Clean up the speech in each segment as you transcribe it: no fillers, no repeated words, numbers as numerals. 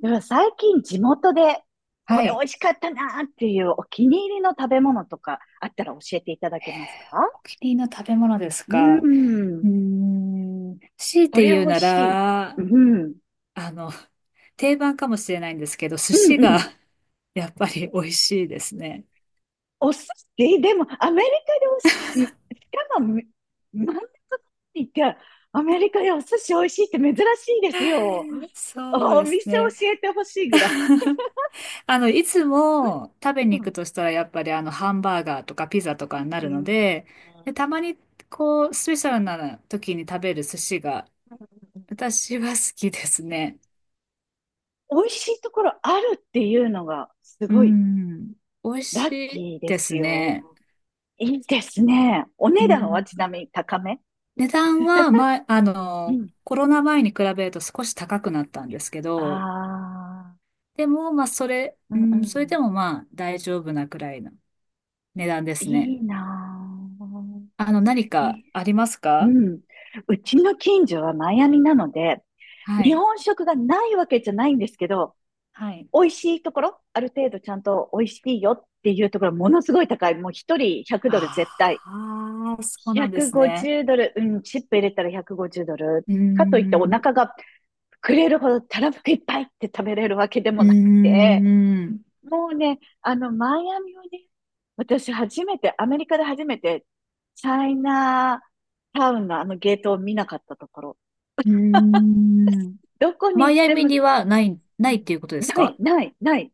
でも最近地元でこはれ美い。味しかったなっていうお気に入りの食べ物とかあったら教えていただけますか？お気に入りの食べ物ですうか。ーうん。ーん。強いこてれ言う美味なしい。ら、うん。あの、定番かもしれないんですけど、寿う司んうが ん。やっぱり美味しいですね。お寿司でもアメリカでお寿司、うん、しかも真ん中にって、アメリカでお寿司美味しいって珍しいですよ。そうおです店ね。教えてほしいぐらい。いつも食べうに行くん。としたら、やっぱりハンバーガーとかピザとかになうるのん。で、で、たまに、こう、スペシャルな時に食べる寿司が、私は好きですね。美味しいところあるっていうのがすうごいん。美味ラしッいキーでですすよ。ね。いいですね。おう値段はん、ちなみに高め？値段は、うん。コロナ前に比べると少し高くなったんですけあど、あ、でも、まあ、それ、ううんうん、それん。でもまあ、大丈夫なくらいの値段ですいね。いなぁ。あの、何かい。ありますうか？ん。うちの近所はマイアミなので、は日い。本食がないわけじゃないんですけど、はい。美味しいところ、ある程度ちゃんと美味しいよっていうところ、ものすごい高い。もう一人100ドル絶対。ああ、そうなんですね。150ドル、うん、チップ入れたら150ドル。うーかといっておん。腹が膨れるほどたらふくいっぱいって食べれるわけでうもーなくて、ん。もうね、マイアミをね、私初めて、アメリカで初めて、チャイナタウンのあのゲートを見なかったところ、うーん。どこマに行っイアてミも、にはない、うないん、っていうことですない、か？ない、ない。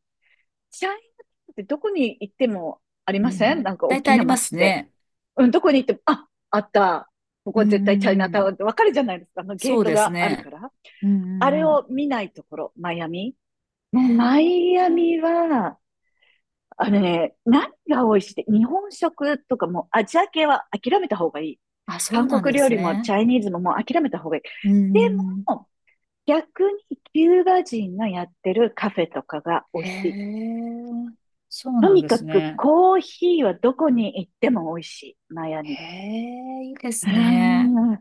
チャイナタウンってどこに行ってもありうませんん。なんか大大体きあなりま街すって。ね。うん、どこに行っても、あ、あった。こうんこう絶対チャイナんうタウん。ンってわかるじゃないですか。あのゲそーうトですがあるかね。ら。うんうあれんうん。を見ないところ、マイアミ。もへうマえ。イアミは、あのね、何が美味しいって、日本食とかもうアジア系は諦めた方がいい。あ、そう韓なん国で料す理もチね。ャイニーズももう諦めた方がいい。うでん。も、逆にキューバ人がやってるカフェとかが美味へしい。え。そうとなんにでかすくね。コーヒーはどこに行っても美味しい。マヤに。へえ、いいで うすーね。ん。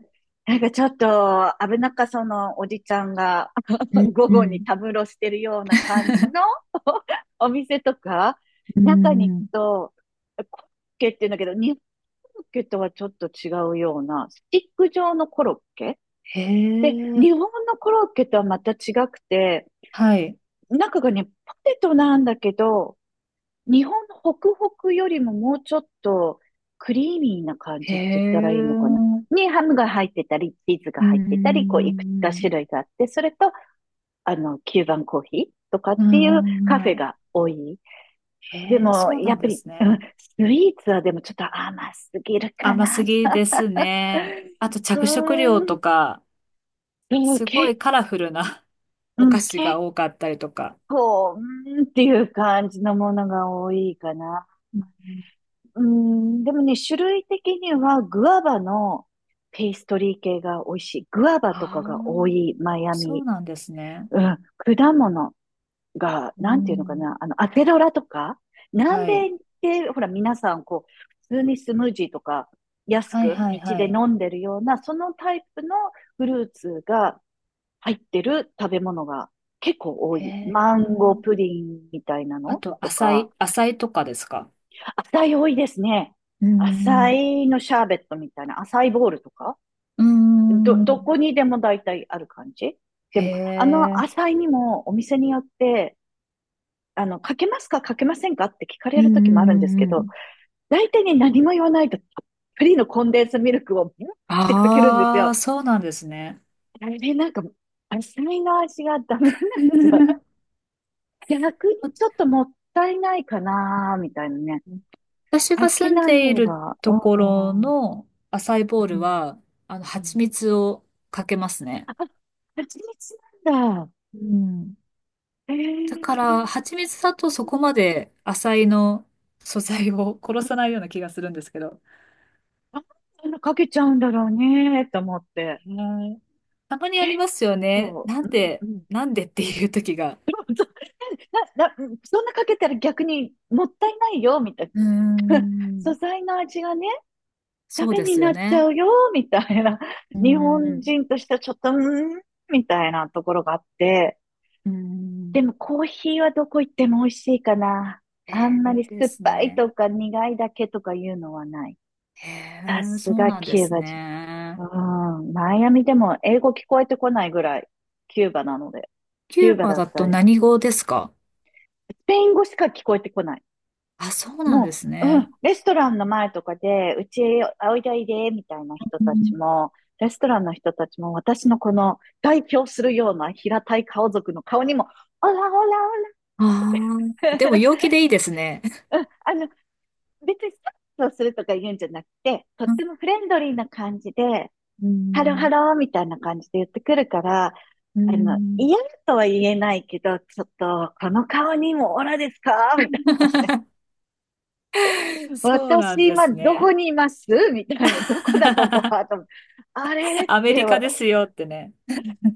なんかちょっと危なっかそのおじちゃんが う ん、午う後にん。たむろしてるような感じの お店とか、う中に行くん。と、コロッケって言うんだけど、日本コロッケとはちょっと違うような、スティック状のコロッケへで、え。日本のコロッケとはまた違くて、はい。中がね、ポテトなんだけど、日本のホクホクよりももうちょっとクリーミーな感へじって言ったらいいのかな。え。にハムが入ってたり、チーズがう入ってたり、こういくつかん。種類があって、それと、キューバンコーヒーとかっうていうカフェん。が多い。へでえ、も、そうやなんっぱでり、すうん、ね。スイーツはでもちょっと甘すぎるか甘な。すうぎですね。あと着色料ーとん、か、でもすごいけ、カラフルな うおん、菓子が結多かったりとか。構、うーんっていう感じのものが多いかな。うん。うん、でもね、種類的にはグアバのペーストリー系が美味しい。グアバとかあが多あ、い、マイアそうミ。なんですね。うん、果物が、うなんていうのかん。な、アセロラとか、南はい。米ってほら皆さんこう、普通にスムージーとか安はいくはい道はでい。飲んでるような、そのタイプのフルーツが入ってる食べ物が結構多へい。マンゴーえ。プリンみたいなあのと、とか、浅いとかですか？浅い多いですね。う浅ん。いのシャーベットみたいな、浅いボールとか、うどん。こにでも大体ある感じ。へでも、あのえ。浅いにもお店によって、かけますか、かけませんかって聞かうれんうる時もあるんでんすけうんうど、ん。大体ね、何も言わないと、フリーのコンデンスミルクをブワーってかけるんですあよ。あ、そうなんですね。あれ、なんか、浅いの味がダメなんでゃよ。逆にちょっともったいないかな、みたいなね。私かがけ住んないでい方るが、ところうん、のアサイーボーうルん、は、う蜂ん。蜜をかけますね。蜂蜜なんだ。うん。えだかえ、ら、蜂蜜だとそこまでアサイの素材を殺さないような気がするんですけど。なんであんなかけちゃうんだろうね、と思っへて。ー、たまにあり結ますよね。構、なうんんうで、ん。なんでっていう時が。そな、な、そんなかけたら逆にもったいないよ、みたいうーな。素ん、材の味がね、ダそうメでにすよなっちゃね。うよ、みたいな。うー日本ん、人としてはちょっと、うーん、みたいなところがあって。うーん。でもコーヒーはどこ行っても美味しいかな。えあんー、まいいりで酸っすぱいね。とか苦いだけとかいうのはない。へさえ、そすうがなんでキューすバ人。うね。ん。マイアミでも英語聞こえてこないぐらい、キューバなので。キキュューーババだっだたとり何語ですか？スペイン語しか聞こえてこない。あ、そうなんでもすう、うん、ね。レストランの前とかで、うちへおいでおいで、みたいな人たちも、レストランの人たちも、私のこの代表するような平たい顔族の顔にも、オラオラオああー、でも陽ラ、気でいいですね。うん、別にスタッフをするとか言うんじゃなくて、とっうん、てもフレンドリーな感じで、うハローハん。ローみたいな感じで言ってくるから、うん。 嫌とは言えないけど、ちょっと、この顔にもオラですかみたいなね。そうなん私で今すどこね。にいますみたいな。どこだここは と思って、あれっアメて、リカですよってね。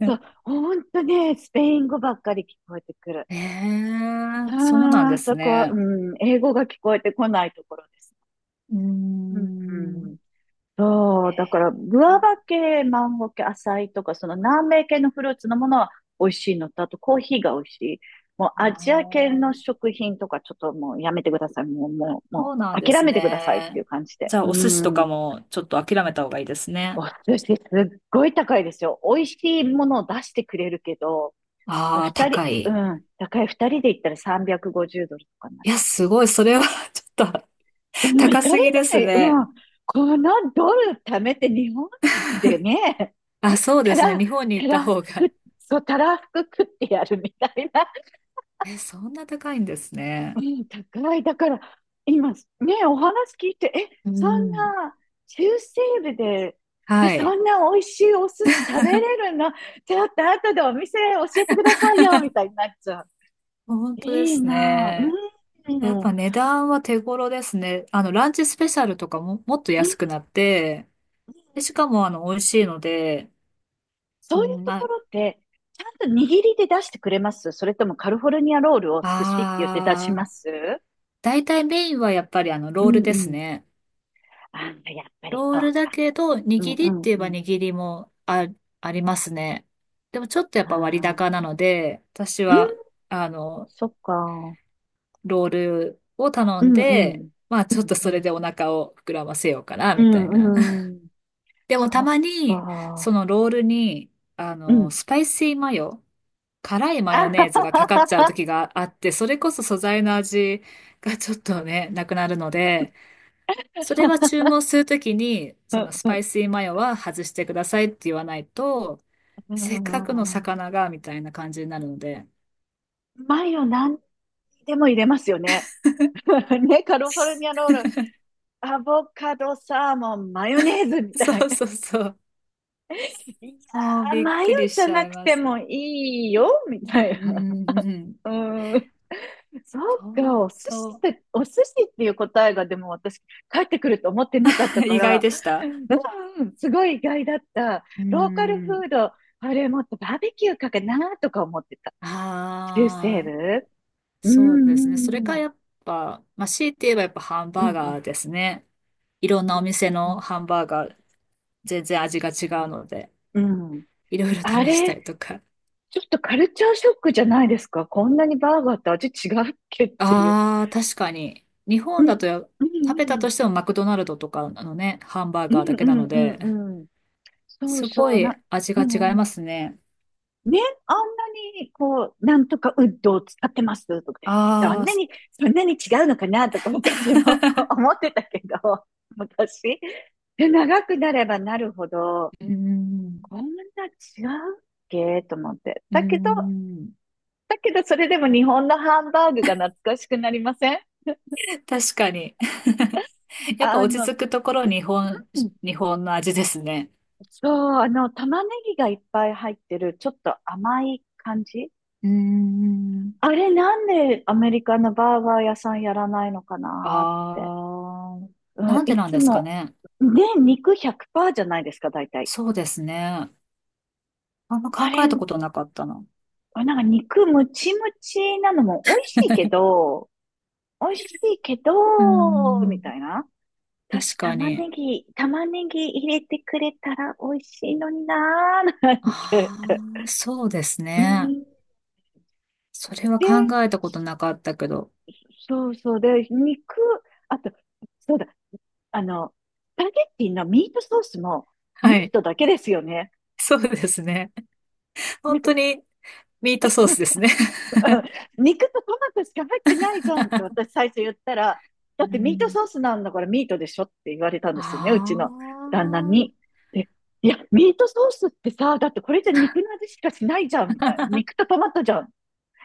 そう、ほんとね、スペイン語ばっかり聞こえてくる。ええ、そうなんあであ、すそこは、うね。ん、英語が聞こえてこないところです。うーうん、うん。ん、そう、だから、グアバ系、マンゴー系、アサイとか、その南米系のフルーツのものは美味しいのと、あとコーヒーが美味しい。もうあアジア系のー、食品とか、ちょっともうやめてください。もう、もう、そもうなんう、で諦すめてくださいっていうね。感じで。じゃあ、お寿司とうん。かもちょっと諦めた方がいいですね。お寿司すっごい高いですよ。美味しいものを出してくれるけど、まあああ、二人、高うい。ん、高い二人で行ったら350ドルとかになっいや、ちすごい。それは ちょっと ゃう。もう行高かすぎれでなすい。ね。もう、このドル貯めて日本でね、あ、そうでたすね。ら、日本に行たったらふ方が。く、そう、たらふく食ってやるみたいな。え、そんな高いんですうね。ん、高い。だから、今、ね、お話聞いて、え、うそんん。な、中西部で、ではそい。んな美味しいお寿司食べれるの？ちょっと後でお店教えてくださいよ、みたいになっちゃう。本当でいいすなね。ぁ。うん、やっうぱん。値段は手頃ですね。ランチスペシャルとかも、もっと安くなって、で、しかも美味しいので、うそういうん、とまこあ、ろって、ちゃんと握りで出してくれます？それともカルフォルニアロールを寿司って言って出しあー、ます？大体メインはやっぱりうロールんでうすん。ね。あ、やっぱりロそールだう、けど、う握りってんうん言えうばん。握りもあ、ありますね。でもちょっとやっぱ割あ高あ、なので、私うん、は、あの、そっか。ロールを頼うんんうで、ん。まあうんちょっとうそれん。でお腹を膨らませようかな、うみたいな。んうん。でそもたっまに、そか。のロールに、うん。スパイシーマヨ、辛いマあヨはネーズがかはかっちはゃうは。時があって、それこそ素材の味がちょっとね、なくなるので、それは注文するときに、うそのんスうパイん、シーマヨは外してくださいって言わないと、せっかくの魚が、みたいな感じになるので。マヨ何でも入れますよね。ね、カリフォルニアロール、アボカド、サーモン、マヨネーズみたそいうな。そうそう。いもうやー、びっマヨくりじしゃちゃないくまてす。もいいよ、みたいうな。んうんうん。うん。そうか、本お寿司っ当。て、お寿司っていう答えがでも私、帰ってくると思ってなかった か意外ら、でした。うん、すごい意外だった。うローカルフん。ード、あれもっとバーベキューかかなとか思ってた。中西ああ。部。うそうでんうすね。それかんやっぱ、まあ、強いて言えばやっぱハンうんバうーんガーですね。いろんなお店うんのうハンバーガー、全然味が違うん。ので、うん、いろいろ試あしたれ、りとか。ちょっとカルチャーショックじゃないですか。こんなにバーガーって味違うっけっていう。ああ、確かに。日う本んだとや、う食べたんとしてもマクドナルドとかのね、ハンバーうんガーだけうなんのうんうんで、うんうん。そうすそごういな、味うが違いんうますん。ね。ね、あんなに、こう、なんとかウッドを使ってますとか、そあんあ、なす。 に、そんなに違うのかなとか私も 思ってたけど、昔。で、長くなればなるほど、うーん、こんな違うっけと思って。うーだけど、ん、だけどそれでも日本のハンバーグが懐かしくなりません？確かに。やっぱあ落ちの、着くところ日本、うん日本の味ですね。そう、あの、玉ねぎがいっぱい入ってる、ちょっと甘い感じ。うーん。あれなんでアメリカのバーガー屋さんやらないのかなって。あうあ、ん、なんでいなんつですかも、ね。で、肉100%じゃないですか、大体。そうですね。あんまあ考えれ、たことなかったな。あれなんか肉ムチムチなのも美味しいけ ど、美味しいけうーど、ん、みたいな。確私、か玉ねに。ぎ、玉ねぎ入れてくれたら美味しいのになー、なんて。ああ、そうですうね。ん。それはで、考えたことなかったけど。そうそう。で、肉、あと、そうだ、あの、スパゲッティのミートソースもミはーい。トだけですよね。そうですね。なん本か、 当にミートソースですね。うん肉とトマトしか入ってないじゃんって私最初言ったら、だうってミートん。ソースなんだからミートでしょって言われたんですよね、あうちの旦那に。で、いや、ミートソースってさ、だってこれじゃ肉の味しかしないじゃん、みたいな。肉とトマトじゃん。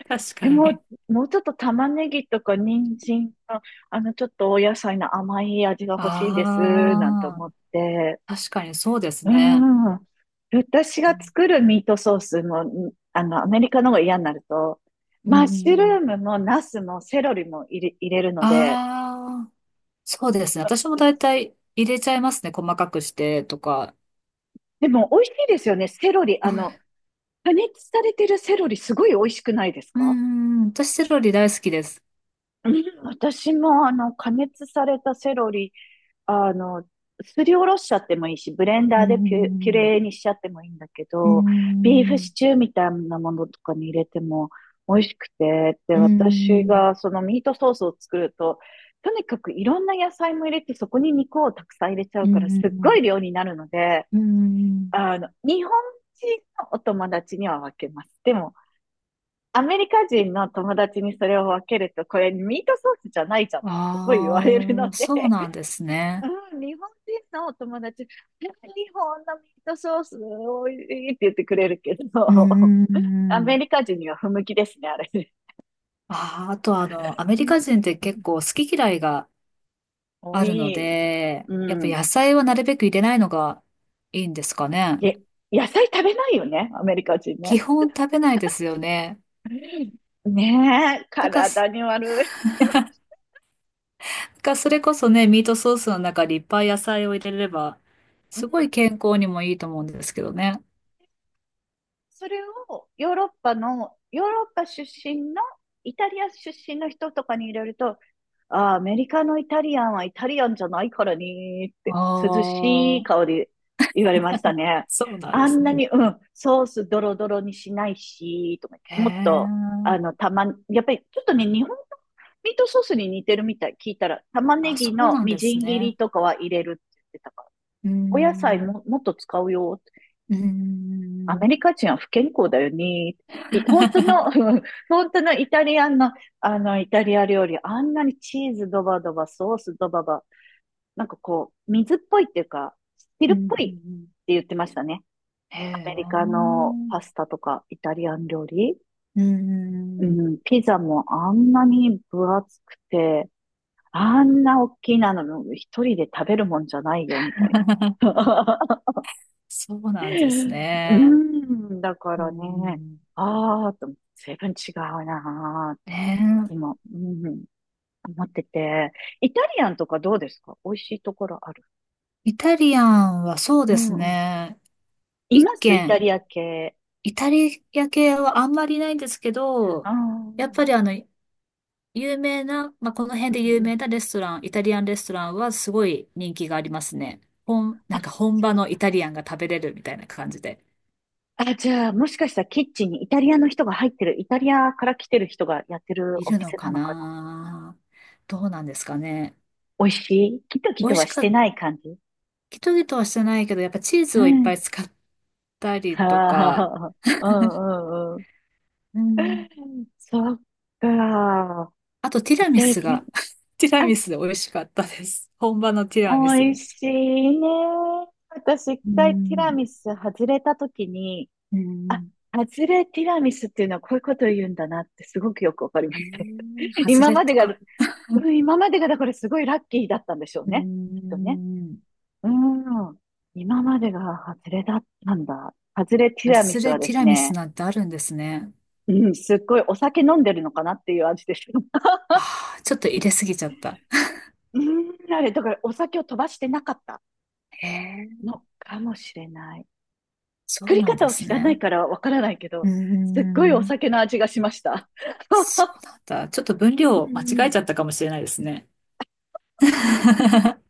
あ、確え、かもに。う、もうちょっと玉ねぎとか人参の、あの、ちょっとお野菜の甘い味が欲しいです、なんてあ思って。あ、確かにそうですうね。ん。私が作るミートソースも、アメリカの方が嫌になると、うマッシュルーん。ムもナスもセロリも入れるので、ああー。そうですね。私も大体入れちゃいますね。細かくしてとか。でも美味しいですよね。セロリ、おあの、い、加熱されてるセロリすごい美味しくないですうか？ん、私セロリ大好きです。うん、私もあの、加熱されたセロリ、あの、すりおろしちゃってもいいし、ブレンうダーでピュ、ピュん、レーにしちゃってもいいんだけうど、ビーフん、シチューみたいなものとかに入れても美味しくて、で、う私ん、がそのミートソースを作ると、とにかくいろんな野菜も入れて、そこに肉をたくさん入れちゃううから、すっごん、い量になるので、うん。あの、日本人のお友達には分けます。でも、アメリカ人の友達にそれを分けると、これミートソースじゃないじゃん。すごい言わあれるあー、のそうで、なんですね。うん、日本人のお友達、日本のミートソースおいしいって言ってくれるけうど、アメん。リカ人には不向きですね、あれね。ああ、あとアメうリん、カ人って結構好き嫌いが多あるのい。で、やっうぱん。野菜はなるべく入れないのがいいんですかね。え、野菜食べないよね、アメリカ人基ね。本食べないですよね。ねえ、だから体に悪い。かそれこそね、ミートソースの中にいっぱい野菜を入れれば、うすごん、い健康にもいいと思うんですけどね。それをヨーロッパの、ヨーロッパ出身の、イタリア出身の人とかに入れると、ああ、アメリカのイタリアンはイタリアンじゃないからねーっあて、涼しいあ、顔で言われましたね。そうなんあですんなね。に、うん、ソースドロドロにしないし、とか言っへて、もっえ。と、あの、たま、やっぱりちょっとね、日本のミートソースに似てるみたい。聞いたら、玉ねあ、そぎうのなんみでじすん切りね。とかは入れるって言ってたから、うーお野菜ん。も、もっと使うよ。うーアメん。リカ人は不健康だよね。い本当の、うん、本当のイタリアンの、あの、イタリア料理、あんなにチーズドバドバ、ソースドババ、なんかこう、水っぽいっていうか、汁うっぽいってん。言ってましたね。へアえ。メリカうのパスタとか、イタリアン料理。ーうん。ん、ピザもあんなに分厚くて、あんな大きいなの、一人で食べるもんじゃないよ、みたいな。そうなんです うね。ーん、だかうらね、ん。ああ、と、随分違うなー、いつねも、うん、思ってて。イタリアンとかどうですか、美味しいところある？え。イタリアンはそううでんすうん。ね。い一ますイタ軒リア系。イタリア系はあんまりないんですけあど、あ、うやっぱりん有名な、まあ、この辺でう有ん。名なレストラン、イタリアンレストランはすごい人気がありますね。本、あ、なんか本場のイタリアンが食べれるみたいな感じで。あ、じゃあ、もしかしたらキッチンにイタリアの人が入ってる、イタリアから来てる人がやってるいおるの店なかのかな。な、どうなんですかね。美味しいキトキ美ト味はししかってた、ない感じ？ギトギトはしてないけど、やっぱチーうズをいっぱいん。使ったりとはか、あ、うんうんうん。うん。そっか。あとティイラミタスリが、ティラアン、ミス美味しかったです。本場のティあ、ラミス。美味しいね。私、一う回ティラん。ミス外れたときに、うあ、ん。外れティラミスっていうのはこういうことを言うんだなってすごくよくわかりまえした。ー、ハズ今レまでとが、うか。ん、今までがだからすごいラッキーだったんでしょううーね。きっとね。ん。うん。今までが外れだったんだ。外れティハラミズスレはでティすラミスね、なんてあるんですね。うん、すっごいお酒飲んでるのかなっていう味でした。ああ、ちょっと入れすぎちゃった。うん、あれ、だからお酒を飛ばしてなかったええ、のかもしれない。そ作うりなん方でをす知らないね。からわからないけうーど、すっごいおん。酒の味がしました。そ うなんだ。ちょっと分うん量間う違えん。ちゃったかもしれないですね。